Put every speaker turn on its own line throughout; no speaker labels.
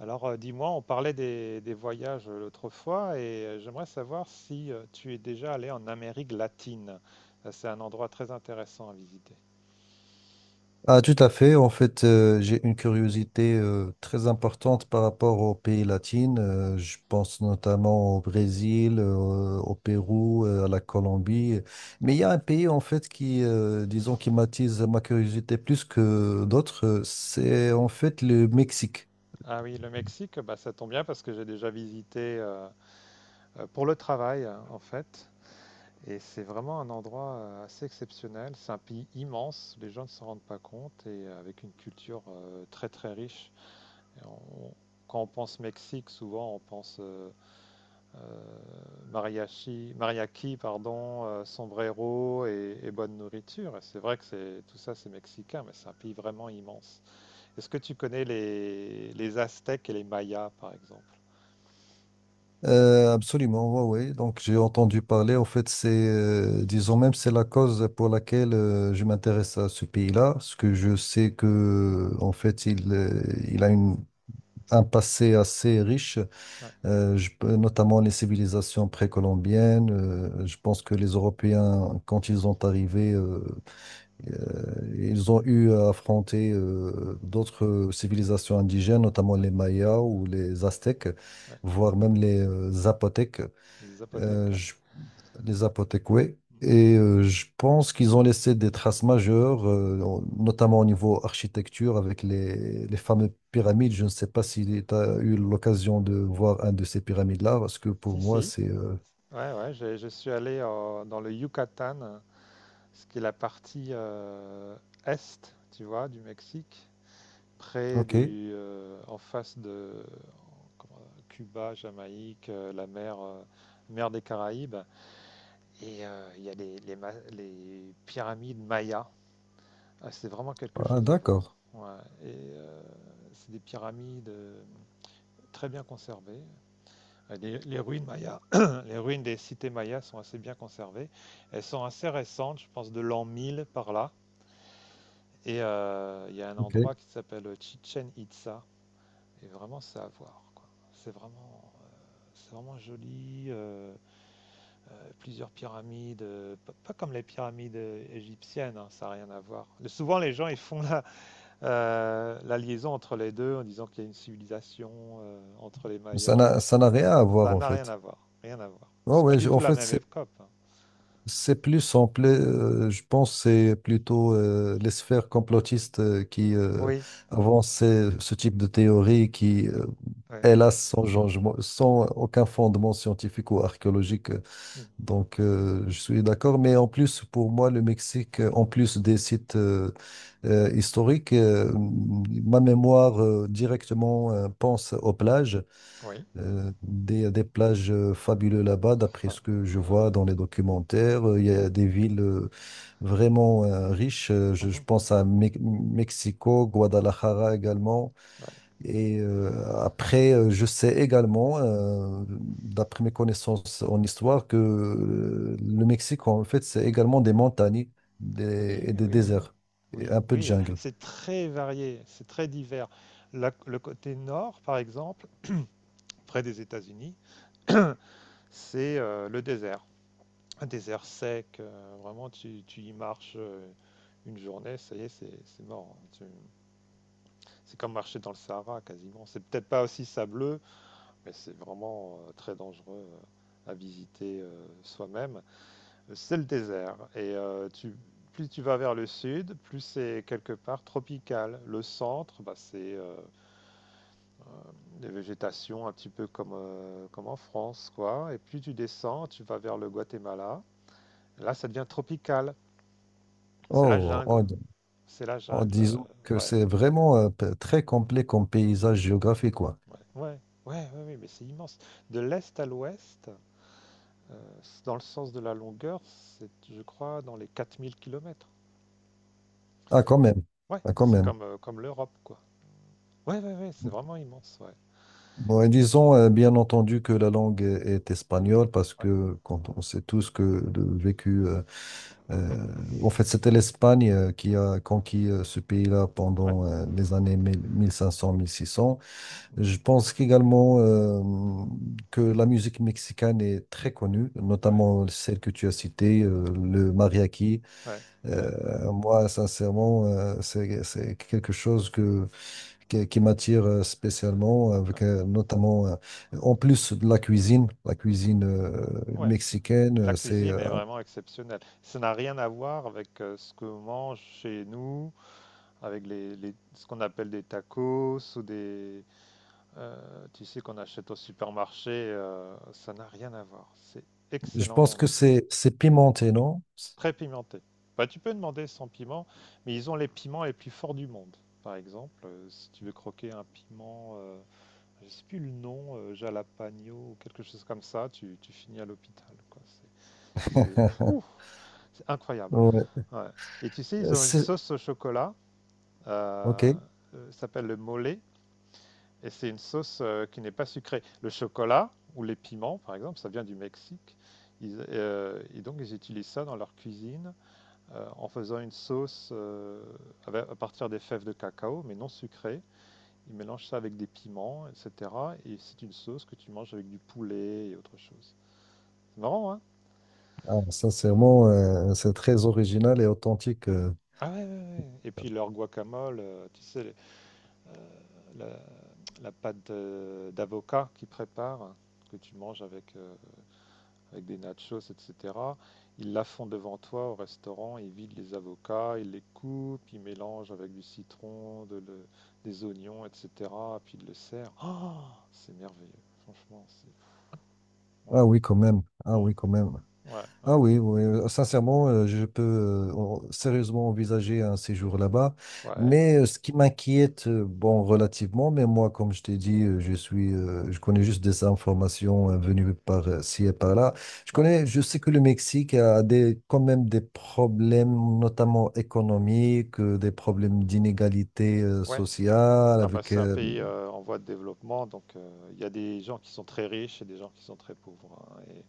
Alors, dis-moi, on parlait des voyages l'autre fois et j'aimerais savoir si tu es déjà allé en Amérique latine. C'est un endroit très intéressant à visiter.
Ah, tout à fait. En fait, j'ai une curiosité très importante par rapport aux pays latins. Je pense notamment au Brésil, au Pérou, à la Colombie. Mais
Ouais.
il y a un pays, en fait, qui, disons, qui m'attise ma curiosité plus que d'autres. C'est, en fait, le Mexique.
Ah oui, le Mexique, bah, ça tombe bien parce que j'ai déjà visité pour le travail, hein, en fait. Et c'est vraiment un endroit assez exceptionnel. C'est un pays immense, les gens ne s'en rendent pas compte et avec une culture très très riche. Et on- Quand on pense Mexique, souvent on pense mariachi, mariachi, pardon, sombrero et bonne nourriture. Et c'est vrai que c'est tout ça, c'est mexicain, mais c'est un pays vraiment immense. Est-ce que tu connais les Aztèques et les Mayas, par exemple?
Absolument, oui, oui. Donc, j'ai entendu parler. En fait, c'est, disons même, c'est la cause pour laquelle je m'intéresse à ce pays-là, parce que je sais que, en fait, il a une un passé assez riche,
Ouais,
notamment les civilisations précolombiennes. Je pense que les Européens, quand ils sont arrivés, ils ont eu à affronter d'autres civilisations indigènes, notamment
ouais,
les Mayas ou les Aztèques,
ouais.
voire même les Zapotèques.
Les Zapotèques. Ouais.
Je Les Aztèques, oui. Je pense qu'ils ont laissé des traces majeures, notamment au niveau architecture, avec les fameuses pyramides. Je ne sais pas si tu as eu l'occasion de voir un de ces pyramides-là, parce que pour
Si,
moi,
si.
c'est...
Ouais, ouais. Je suis allé dans le Yucatan, ce qui est la partie est, tu vois, du Mexique.
OK.
En face de comment- Cuba, Jamaïque, mer des Caraïbes. Et il y a les pyramides mayas. Ah, c'est vraiment quelque
Ah,
chose à voir.
d'accord.
Ouais. Et c'est des pyramides très bien conservées. Les ruines mayas, les ruines des cités mayas sont assez bien conservées. Elles sont assez récentes, je pense de l'an 1000 par là. Et il y a un
OK.
endroit qui s'appelle Chichen Itza. Et vraiment, c'est à voir, quoi. C'est vraiment joli. Plusieurs pyramides, pas comme les pyramides égyptiennes, hein, ça n'a rien à voir. Souvent, les gens ils font la liaison entre les deux en disant qu'il y a une civilisation entre les
Mais Ça
Mayas. et
n'a,
les-
ça n'a rien à voir,
Ça
en
n'a rien
fait.
à voir, rien à voir. C'est pas du tout
En
la
fait,
même
c'est
époque, hein.
C'est plus simple, je pense c'est plutôt les sphères complotistes qui
Oui,
avancent ce type de théorie qui,
oui, oui.
hélas, sans aucun fondement scientifique ou archéologique. euh,
Mm.
Donc, euh, je suis d'accord. Mais en plus, pour moi, le Mexique, en plus des sites historiques, ma mémoire directement pense aux plages.
Oui.
Des plages fabuleuses là-bas, d'après
Enfin,
ce que je
ah oui,
vois dans les documentaires. Il y
ouais.
a des villes vraiment riches. Je
Mhm.
pense à Mexico, Guadalajara également.
Ouais.
Et après, je sais également, d'après mes connaissances en histoire, que le Mexique, en fait, c'est également des montagnes
Oui,
et des
oui, oui.
déserts et
Oui,
un peu de
oui,
jungle.
c'est très varié, c'est très divers. Le côté nord, par exemple, près des États-Unis, c'est le désert. Un désert sec, vraiment, tu y marches une journée, ça y est, c'est mort, hein. C'est comme marcher dans le Sahara, quasiment. C'est peut-être pas aussi sableux, mais c'est vraiment très dangereux à visiter soi-même. C'est le désert. Et plus tu vas vers le sud, plus c'est quelque part tropical. Le centre, bah, c'est des végétations un petit peu comme en France, quoi. Et plus tu descends, tu vas vers le Guatemala. Là, ça devient tropical. C'est la
Oh,
jungle.
en,
C'est la
en
jungle.
disant que
Ouais,
c'est vraiment très complet comme paysage géographique, quoi.
ouais, ouais, ouais, ouais, ouais, mais c'est immense. De l'est à l'ouest, c'est dans le sens de la longueur, c'est, je crois, dans les 4000 kilomètres.
Ah, quand même.
Ouais,
Ah, quand
c'est
même.
comme l'Europe, quoi. Ouais, ouais, ouais, c'est vraiment immense, ouais.
Bon, et disons bien entendu que la langue est espagnole parce
Ouais.
que quand on sait tous que le vécu, en fait, c'était l'Espagne qui a conquis ce pays-là
Ouais,
pendant les années mille cinq cents, six cents. Je pense qu'également que la musique mexicaine est très connue,
ouais,
notamment celle que tu as citée, le mariachi.
ouais, ouais,
Moi, sincèrement, c'est quelque chose qui m'attire spécialement, avec
ouais,
notamment, en plus de la cuisine
ouais.
mexicaine,
La cuisine est vraiment exceptionnelle. Ça n'a rien à voir avec ce qu'on mange chez nous, avec ce qu'on appelle des tacos ou tu sais, qu'on achète au supermarché. Ça n'a rien à voir. C'est
je pense
excellent au
que
Mexique.
c'est pimenté, non?
Très pimenté. Bah, tu peux demander sans piment, mais ils ont les piments les plus forts du monde. Par exemple, si tu veux croquer un piment, je sais plus le nom, Jalapagno ou quelque chose comme ça, tu finis à l'hôpital, quoi. C'est incroyable.
Ouais.
Ouais. Et tu sais, ils ont une
C'est-
sauce au chocolat,
Ok.
euh, ça s'appelle le mole, et c'est une sauce qui n'est pas sucrée. Le chocolat ou les piments, par exemple, ça vient du Mexique. Et donc, ils utilisent ça dans leur cuisine en faisant une sauce à partir des fèves de cacao, mais non sucrée. Il mélange ça avec des piments, etc. Et c'est une sauce que tu manges avec du poulet et autre chose. C'est marrant, hein?
Ah, sincèrement, c'est très original et authentique.
Ah ouais, ouais, ouais. Et puis leur guacamole, tu sais, euh, la, la pâte d'avocat qu'ils préparent, que tu manges avec des nachos, etc. Ils la font devant toi au restaurant, ils vident les avocats, ils les coupent, ils mélangent avec du citron, des oignons, etc. Puis ils le servent. Ah, c'est merveilleux, franchement. Ouais.
Ah oui, quand même. Ah
Mm.
oui, quand même.
Ouais, ouais,
Ah oui, oui, sincèrement, je peux sérieusement envisager un séjour là-bas.
ouais,
Mais ce qui m'inquiète, bon, relativement, mais moi, comme je t'ai dit, je connais juste des informations venues par ci et par là. Je
ouais,
connais, je sais que le Mexique a des, quand même des problèmes, notamment économiques, des problèmes d'inégalité
ouais.
sociale,
Ah bah
avec,
c'est un pays en voie de développement, donc il y a des gens qui sont très riches et des gens qui sont très pauvres, hein, et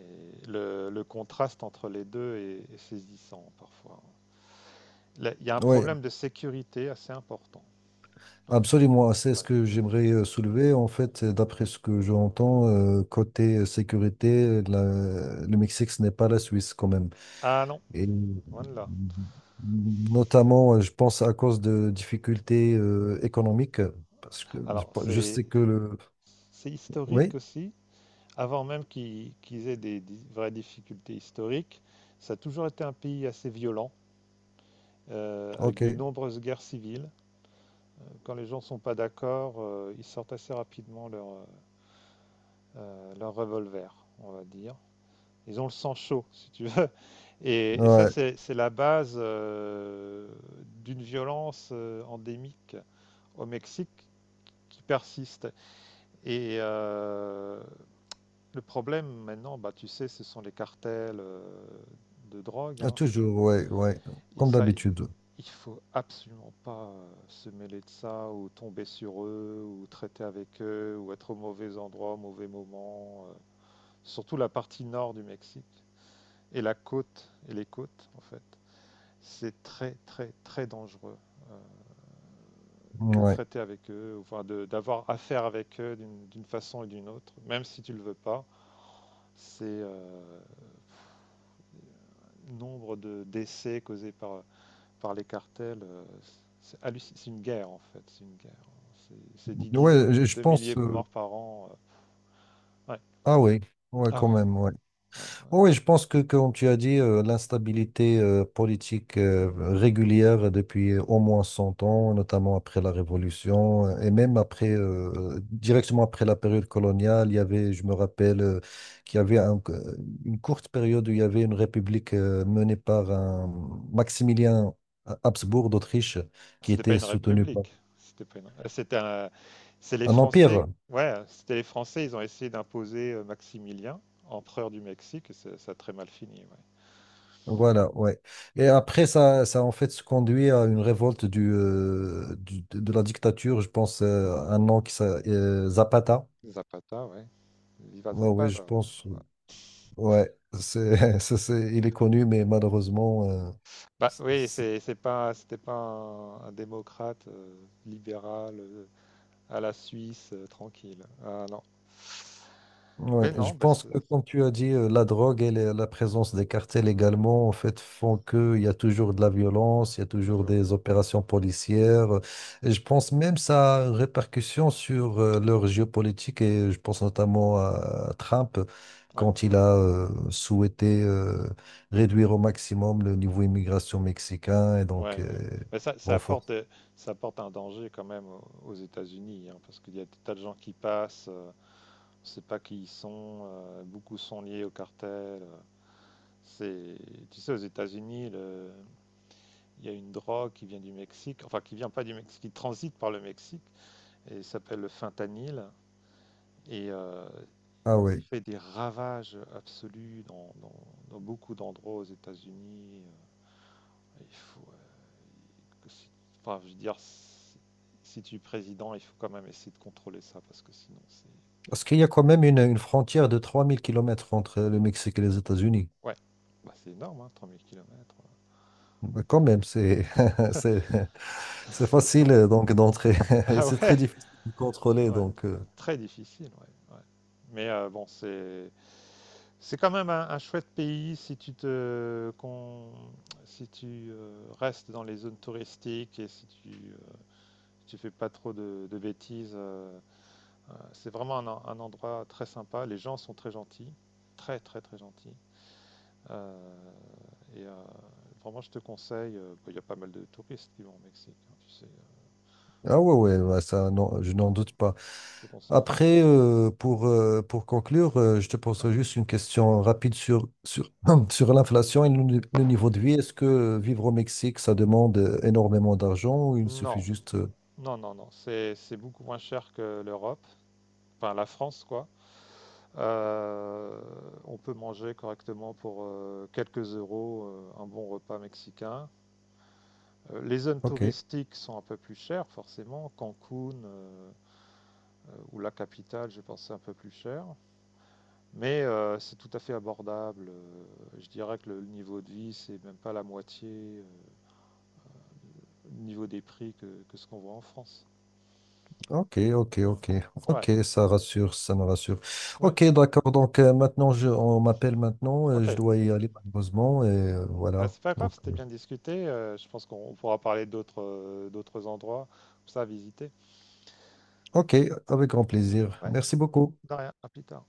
le contraste entre les deux est saisissant parfois. Là, il y a un
ouais,
problème de sécurité assez important.
absolument, c'est ce
Ouais,
que j'aimerais soulever. En
ouais.
fait, d'après ce que j'entends, côté sécurité, le Mexique, ce n'est pas la Suisse quand même.
Ah non,
Et
loin de là.
notamment, je pense à cause de difficultés économiques, parce que je
Alors,
je sais
c'est
que le...
c'est historique
Oui,
aussi. Avant même qu'ils aient des vraies difficultés historiques, ça a toujours été un pays assez violent, avec de
ok.
nombreuses guerres civiles. Quand les gens ne sont pas d'accord, ils sortent assez rapidement leur revolver, on va dire. Ils ont le sang chaud, si tu veux. Et ça,
Ouais,
c'est la base d'une violence endémique au Mexique qui persiste. Et le problème maintenant, bah, tu sais, ce sont les cartels de drogue,
ah,
hein.
toujours, ouais, ouais,
Et
comme
ça,
d'habitude.
il faut absolument pas se mêler de ça ou tomber sur eux ou traiter avec eux ou être au mauvais endroit, au mauvais moment. Surtout la partie nord du Mexique et la côte et les côtes en fait. C'est très très très dangereux euh, de
Ouais,
traiter avec eux, enfin d'avoir affaire avec eux d'une façon ou d'une autre, même si tu le veux pas. C'est nombre de décès causés par les cartels, une guerre en fait, c'est une guerre. C'est- des
ouais,
dizaines
je je
de
pense...
milliers de
euh,
morts par an. Ouais.
Ah oui, ouais,
Ah
quand même, ouais.
ouais, ouais,
Oh oui, je pense que, comme tu as dit, l'instabilité politique régulière depuis au moins 100 ans, notamment après la Révolution, et même
ouais.
après, directement après la période coloniale, il y avait, je me rappelle, qu'il y avait une courte période où il y avait une république menée par un Maximilien Habsbourg d'Autriche qui
C'était pas
était
une
soutenu par
république. C'était pas une. C'est les
un empire.
Français. Ouais, c'était les Français. Ils ont essayé d'imposer Maximilien, empereur du Mexique. Et ça a très mal fini, ouais.
Voilà, ouais. Et après, ça a en fait se conduit à une révolte de la dictature, je pense,
Mhm.
un nom qui s'appelle Zapata.
Zapata, ouais. Viva
Ouais, ouais, je
Zapata.
pense,
Ouais.
ouais, il est connu, mais malheureusement,
Bah oui,
c'est-
c'est pas, c'était pas un démocrate libéral à la Suisse tranquille. Ah non.
ouais,
Mais
je
non, bah,
pense
c'est
que comme tu as dit, la drogue et la présence des cartels également, en fait, font qu'il y a toujours de la violence, il y a
c'est
toujours
toujours.
des opérations policières. Et je pense même ça a une répercussion sur leur géopolitique et je pense notamment à Trump
Ouais,
quand il a souhaité réduire au maximum le niveau immigration mexicain et donc
ouais, ouais. Mais ça,
renforcer.
ça apporte un danger quand même aux États-Unis, hein, parce qu'il y a des tas de gens qui passent, on ne sait pas qui ils sont, beaucoup sont liés au cartel. C'est, tu sais, aux États-Unis, il y a une drogue qui vient du Mexique, enfin qui vient pas du Mexique, qui transite par le Mexique, et s'appelle le fentanyl, et
Ah
il
oui.
fait des ravages absolus dans beaucoup d'endroits aux États-Unis. Il faut, que si- Enfin, je veux dire, si tu es président, il faut quand même essayer de contrôler ça parce que sinon c'est.
Parce qu'il y a quand même une
Ah,
frontière de 3000 kilomètres entre le Mexique et les États-Unis.
ouais, bah, c'est énorme, hein, 3000 kilomètres
Bah, quand même, c'est c'est c'est
C'est
facile
énorme.
donc d'entrer et
Ah
c'est très
ouais,
difficile de contrôler
ouais,
donc
très difficile, ouais, ouais. Mais bon, c'est quand même un chouette pays si tu restes dans les zones touristiques et si tu fais pas trop de bêtises, c'est vraiment un endroit très sympa. Les gens sont très gentils, très très très gentils. Euh, et vraiment, je te conseille. Bah, il y a pas mal de touristes qui vont au Mexique, hein, tu sais.
ah ouais ouais ouais,
Donc,
ça non je n'en
ouais,
doute pas.
je te conseille.
Après pour conclure je te
Ouais.
poserai juste une question rapide sur sur l'inflation et le, ni- le niveau de vie. Est-ce que vivre au Mexique ça demande énormément d'argent ou il suffit
Non,
juste
non, non, non. C'est beaucoup moins cher que l'Europe, enfin la France, quoi. Euh, on peut manger correctement pour quelques euros un bon repas mexicain. Les zones
ok,
touristiques sont un peu plus chères, forcément. Cancun, ou la capitale, j'ai pensé un peu plus cher. Mais c'est tout à fait abordable. Je dirais que le niveau de vie, c'est même pas la moitié euh, au niveau des prix que ce qu'on voit en France.
ok, ok,
Hmm.
ok,
Ouais,
ok, ça rassure, ça me rassure.
ouais,
Ok, d'accord, donc maintenant, on m'appelle maintenant,
ok.
je dois y aller malheureusement, et
Bah,
voilà.
c'est pas grave,
Donc,
c'était bien discuté. Je pense qu'on on pourra parler d'autres d'autres endroits, comme ça, à visiter.
ok, avec grand plaisir.
Ouais,
Merci beaucoup.
de rien, à plus tard.